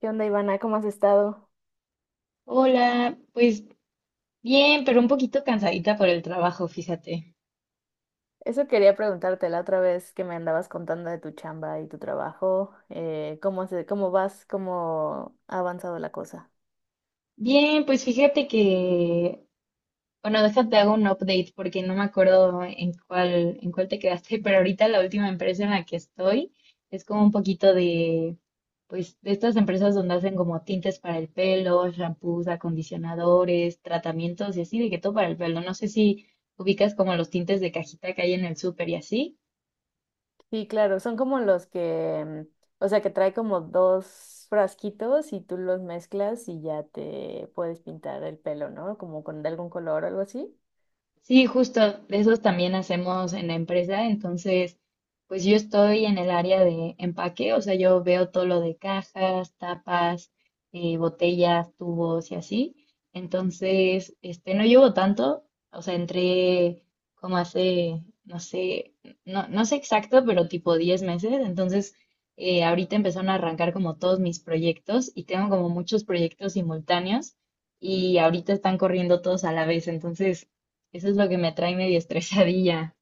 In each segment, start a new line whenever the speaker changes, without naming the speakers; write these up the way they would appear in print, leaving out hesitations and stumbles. ¿Qué onda, Ivana? ¿Cómo has estado?
Hola, pues bien, pero un poquito cansadita por el trabajo, fíjate.
Eso quería preguntarte la otra vez que me andabas contando de tu chamba y tu trabajo. ¿Cómo se, cómo vas? ¿Cómo ha avanzado la cosa?
Bien, pues fíjate que, bueno, déjate hago un update porque no me acuerdo en cuál te quedaste, pero ahorita la última empresa en la que estoy es como un poquito de, pues, de estas empresas donde hacen como tintes para el pelo, shampoos, acondicionadores, tratamientos y así, de que todo para el pelo. No sé si ubicas como los tintes de cajita que hay en el súper y así.
Sí, claro, son como los que, o sea, que trae como dos frasquitos y tú los mezclas y ya te puedes pintar el pelo, ¿no? Como con de algún color o algo así.
Sí, justo, de esos también hacemos en la empresa. Entonces, pues yo estoy en el área de empaque, o sea, yo veo todo lo de cajas, tapas, botellas, tubos y así. Entonces, no llevo tanto, o sea, entré como hace, no sé, no, no sé exacto, pero tipo 10 meses. Entonces, ahorita empezaron a arrancar como todos mis proyectos y tengo como muchos proyectos simultáneos y ahorita están corriendo todos a la vez. Entonces, eso es lo que me trae medio estresadilla.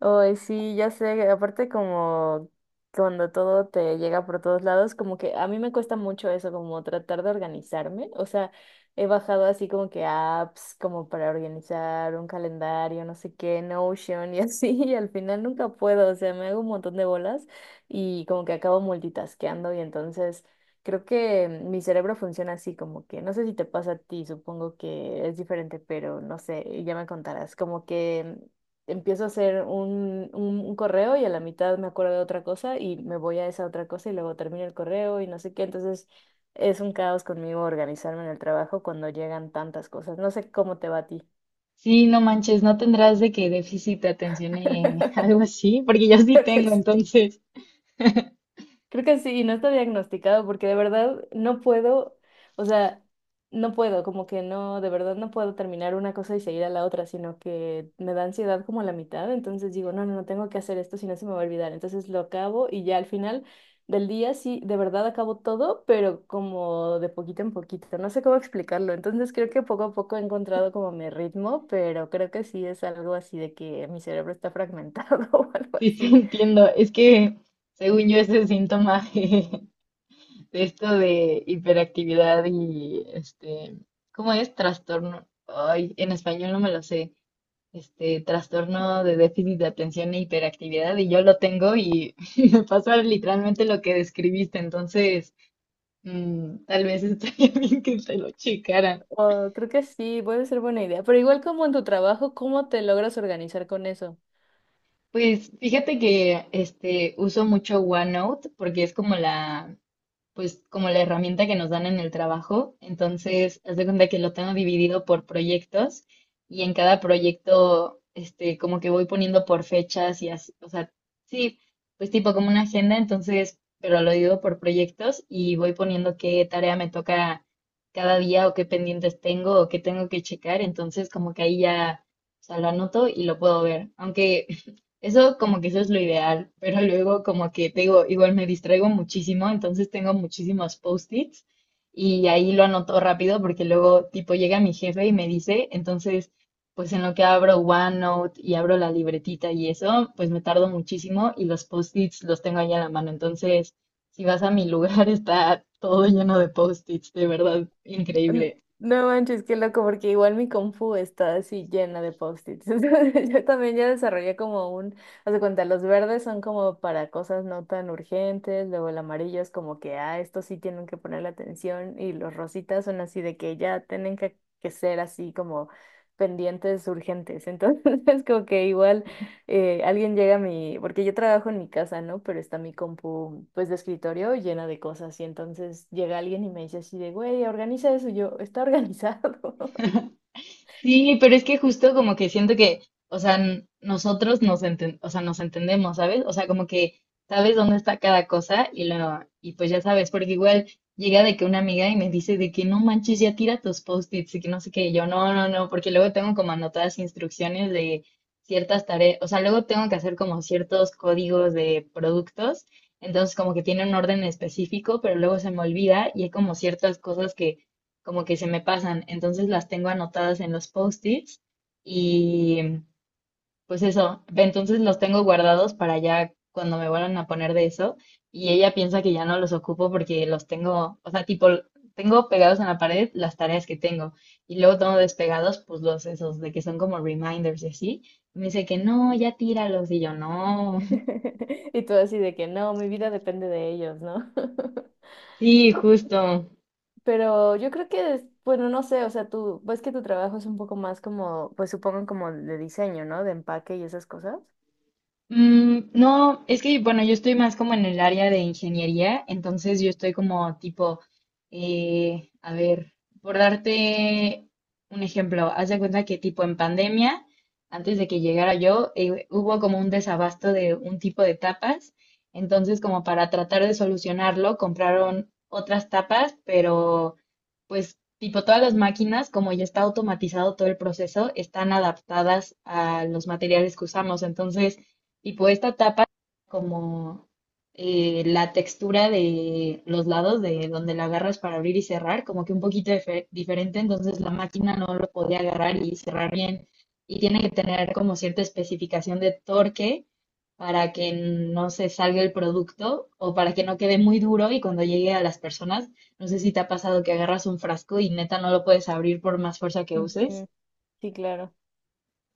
Ay, sí, ya sé, aparte como cuando todo te llega por todos lados, como que a mí me cuesta mucho eso, como tratar de organizarme, o sea, he bajado así como que apps como para organizar un calendario, no sé qué, Notion y así, y al final nunca puedo, o sea, me hago un montón de bolas y como que acabo multitasqueando y entonces creo que mi cerebro funciona así, como que no sé si te pasa a ti, supongo que es diferente, pero no sé, ya me contarás, como que empiezo a hacer un correo y a la mitad me acuerdo de otra cosa y me voy a esa otra cosa y luego termino el correo y no sé qué. Entonces es un caos conmigo organizarme en el trabajo cuando llegan tantas cosas. No sé cómo te va a ti.
Sí, no manches, no tendrás de que déficit de atención y algo así, porque yo sí
Creo que
tengo,
sí.
entonces
Creo que sí, y no está diagnosticado porque de verdad no puedo, o sea, no puedo, como que no, de verdad no puedo terminar una cosa y seguir a la otra, sino que me da ansiedad como la mitad, entonces digo, no, no, no tengo que hacer esto, si no se me va a olvidar, entonces lo acabo y ya al final del día sí, de verdad acabo todo, pero como de poquito en poquito, no sé cómo explicarlo, entonces creo que poco a poco he encontrado como mi ritmo, pero creo que sí es algo así de que mi cerebro está fragmentado o algo
sí te
así.
entiendo. Es que según yo ese síntoma de esto de hiperactividad y ¿cómo es? Trastorno. Ay, en español no me lo sé. Trastorno de déficit de atención e hiperactividad y yo lo tengo y me pasa literalmente lo que describiste. Entonces, mm, tal vez estaría bien que te lo checaran.
Oh, creo que sí, puede ser buena idea. Pero igual como en tu trabajo, ¿cómo te logras organizar con eso?
Pues fíjate que uso mucho OneNote porque es como la, pues como la herramienta que nos dan en el trabajo. Entonces, haz de cuenta que lo tengo dividido por proyectos y en cada proyecto, como que voy poniendo por fechas y así, o sea, sí, pues tipo como una agenda. Entonces, pero lo divido por proyectos y voy poniendo qué tarea me toca cada día o qué pendientes tengo o qué tengo que checar. Entonces, como que ahí ya, o sea, lo anoto y lo puedo ver. Aunque eso, como que eso es lo ideal, pero luego como que te digo, igual me distraigo muchísimo, entonces tengo muchísimos post-its y ahí lo anoto rápido, porque luego tipo llega mi jefe y me dice. Entonces, pues en lo que abro OneNote y abro la libretita y eso, pues me tardo muchísimo y los post-its los tengo ahí a la mano. Entonces, si vas a mi lugar está todo lleno de post-its, de verdad,
N-
increíble.
No manches, qué loco, porque igual mi Confu está así llena de post-its. Entonces, yo también ya desarrollé como un, haz de cuenta, los verdes son como para cosas no tan urgentes, luego el amarillo es como que, ah, esto sí tienen que ponerle atención, y los rositas son así de que ya tienen que ser así como pendientes urgentes. Entonces, es como que igual. Alguien llega a mi, porque yo trabajo en mi casa, ¿no? Pero está mi compu, pues, de escritorio llena de cosas. Y entonces llega alguien y me dice así de, güey, organiza eso. Y yo, está organizado.
Sí, pero es que justo como que siento que, o sea, nosotros o sea, nos entendemos, ¿sabes? O sea, como que sabes dónde está cada cosa y lo, y pues ya sabes, porque igual llega de que una amiga y me dice de que no manches, ya tira tus post-its y que no sé qué, y yo no, no, no, porque luego tengo como anotadas instrucciones de ciertas tareas, o sea, luego tengo que hacer como ciertos códigos de productos, entonces como que tiene un orden específico, pero luego se me olvida y hay como ciertas cosas que como que se me pasan. Entonces las tengo anotadas en los post-its y pues eso, ve, entonces los tengo guardados para ya cuando me vuelvan a poner de eso. Y ella piensa que ya no los ocupo porque los tengo, o sea, tipo, tengo pegados en la pared las tareas que tengo y luego tengo despegados pues los esos de que son como reminders y así. Me dice que no, ya tíralos y yo no.
Y todo así de que, no, mi vida depende de ellos, ¿no?
Sí, justo.
Pero yo creo que, bueno, no sé, o sea, tú, ves que tu trabajo es un poco más como, pues supongo como de diseño, ¿no? De empaque y esas cosas.
Mm, no, es que, bueno, yo estoy más como en el área de ingeniería, entonces yo estoy como tipo, a ver, por darte un ejemplo, haz de cuenta que tipo en pandemia, antes de que llegara yo, hubo como un desabasto de un tipo de tapas, entonces como para tratar de solucionarlo, compraron otras tapas, pero pues tipo todas las máquinas, como ya está automatizado todo el proceso, están adaptadas a los materiales que usamos, entonces... Y pues esta tapa como la textura de los lados de donde la agarras para abrir y cerrar, como que un poquito diferente, entonces la máquina no lo podía agarrar y cerrar bien. Y tiene que tener como cierta especificación de torque para que no se salga el producto o para que no quede muy duro y cuando llegue a las personas, no sé si te ha pasado que agarras un frasco y neta no lo puedes abrir por más fuerza que uses.
Ujú. Sí, claro.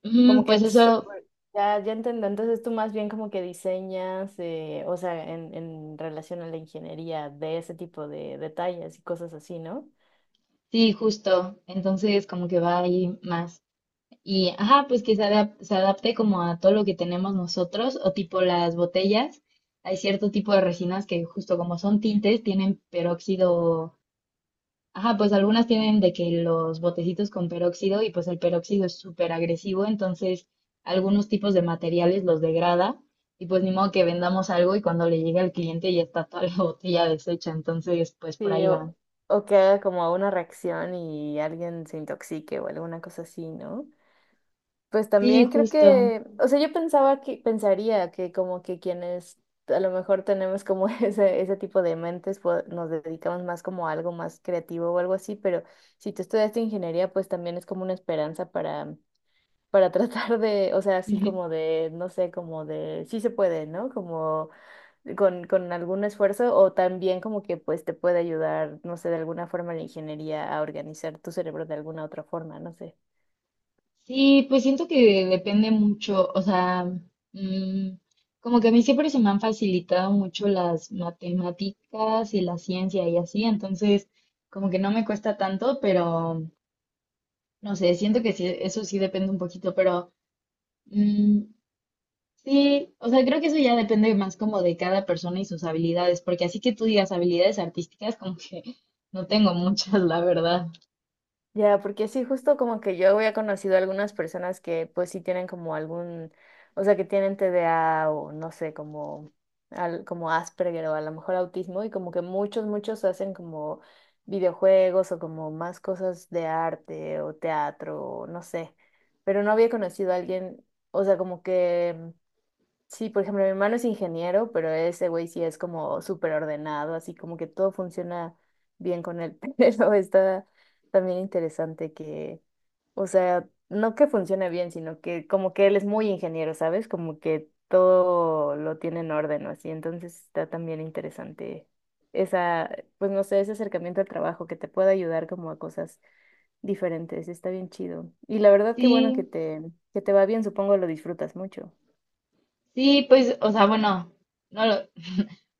Mm,
Como que
pues
es
eso,
súper- Ya, ya entiendo, entonces tú más bien como que diseñas, o sea, en relación a la ingeniería de ese tipo de detalles y cosas así, ¿no?
sí, justo. Entonces como que va ahí más. Y, ajá, pues que se adapte como a todo lo que tenemos nosotros, o tipo las botellas. Hay cierto tipo de resinas que justo como son tintes, tienen peróxido. Ajá, pues algunas tienen de que los botecitos con peróxido y pues el peróxido es súper agresivo, entonces algunos tipos de materiales los degrada y pues ni modo que vendamos algo y cuando le llegue al cliente ya está toda la botella deshecha, entonces pues por
Sí,
ahí va.
o que haga como una reacción y alguien se intoxique o alguna cosa así, ¿no? Pues
Sí,
también creo
justo.
que, o sea, yo pensaba que, pensaría que como que quienes a lo mejor tenemos como ese tipo de mentes, pues, nos dedicamos más como a algo más creativo o algo así, pero si tú estudiaste ingeniería, pues también es como una esperanza para tratar de, o sea, así como de, no sé, como de, sí se puede, ¿no? Como con algún esfuerzo o también como que pues te puede ayudar, no sé, de alguna forma la ingeniería a organizar tu cerebro de alguna otra forma, no sé.
Sí, pues siento que depende mucho, o sea, mm, como que a mí siempre se me han facilitado mucho las matemáticas y la ciencia y así, entonces como que no me cuesta tanto, pero no sé, siento que sí, eso sí depende un poquito. Pero mm, sí, o sea, creo que eso ya depende más como de cada persona y sus habilidades, porque así que tú digas habilidades artísticas, como que no tengo muchas, la verdad.
Ya, porque sí, justo como que yo había conocido algunas personas que pues sí tienen como algún, o sea, que tienen TDA o no sé, como, como Asperger o a lo mejor autismo y como que muchos, muchos hacen como videojuegos o como más cosas de arte o teatro o no sé, pero no había conocido a alguien, o sea, como que Sí, por ejemplo, mi hermano es ingeniero, pero ese güey sí es como súper ordenado, así como que todo funciona bien con él. Pero está también interesante que, o sea, no que funcione bien, sino que como que él es muy ingeniero, ¿sabes? Como que todo lo tiene en orden o así. Entonces está también interesante esa, pues no sé, ese acercamiento al trabajo que te puede ayudar como a cosas diferentes. Está bien chido. Y la verdad que bueno
Sí,
que te va bien, supongo lo disfrutas mucho.
sí, pues, o sea, bueno. No,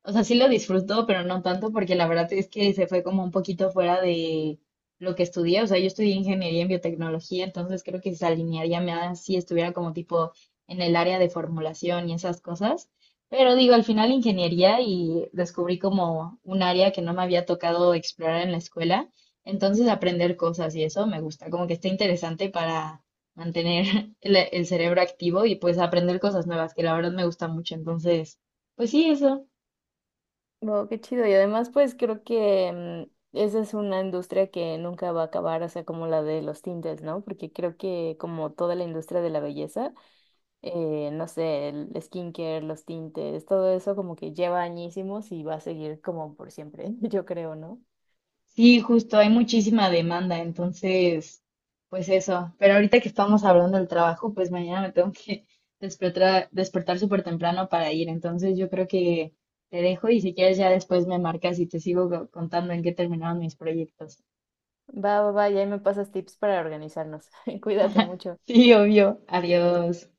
o sea, sí lo disfruto, pero no tanto porque la verdad es que se fue como un poquito fuera de lo que estudié. O sea, yo estudié ingeniería en biotecnología, entonces creo que se alinearía más si estuviera como tipo en el área de formulación y esas cosas. Pero digo, al final ingeniería y descubrí como un área que no me había tocado explorar en la escuela. Entonces aprender cosas y eso me gusta, como que está interesante para mantener el cerebro activo y pues aprender cosas nuevas, que la verdad me gusta mucho. Entonces, pues sí, eso.
Wow, qué chido. Y además, pues creo que esa es una industria que nunca va a acabar, o sea, como la de los tintes, ¿no? Porque creo que como toda la industria de la belleza, no sé, el skincare, los tintes, todo eso como que lleva añísimos y va a seguir como por siempre, yo creo, ¿no?
Sí, justo, hay muchísima demanda, entonces, pues eso. Pero ahorita que estamos hablando del trabajo, pues mañana me tengo que despertar súper temprano para ir. Entonces, yo creo que te dejo y si quieres ya después me marcas y te sigo contando en qué terminaron mis proyectos.
Va, va, va, y ahí me pasas tips para organizarnos. Cuídate mucho.
Sí, obvio. Adiós.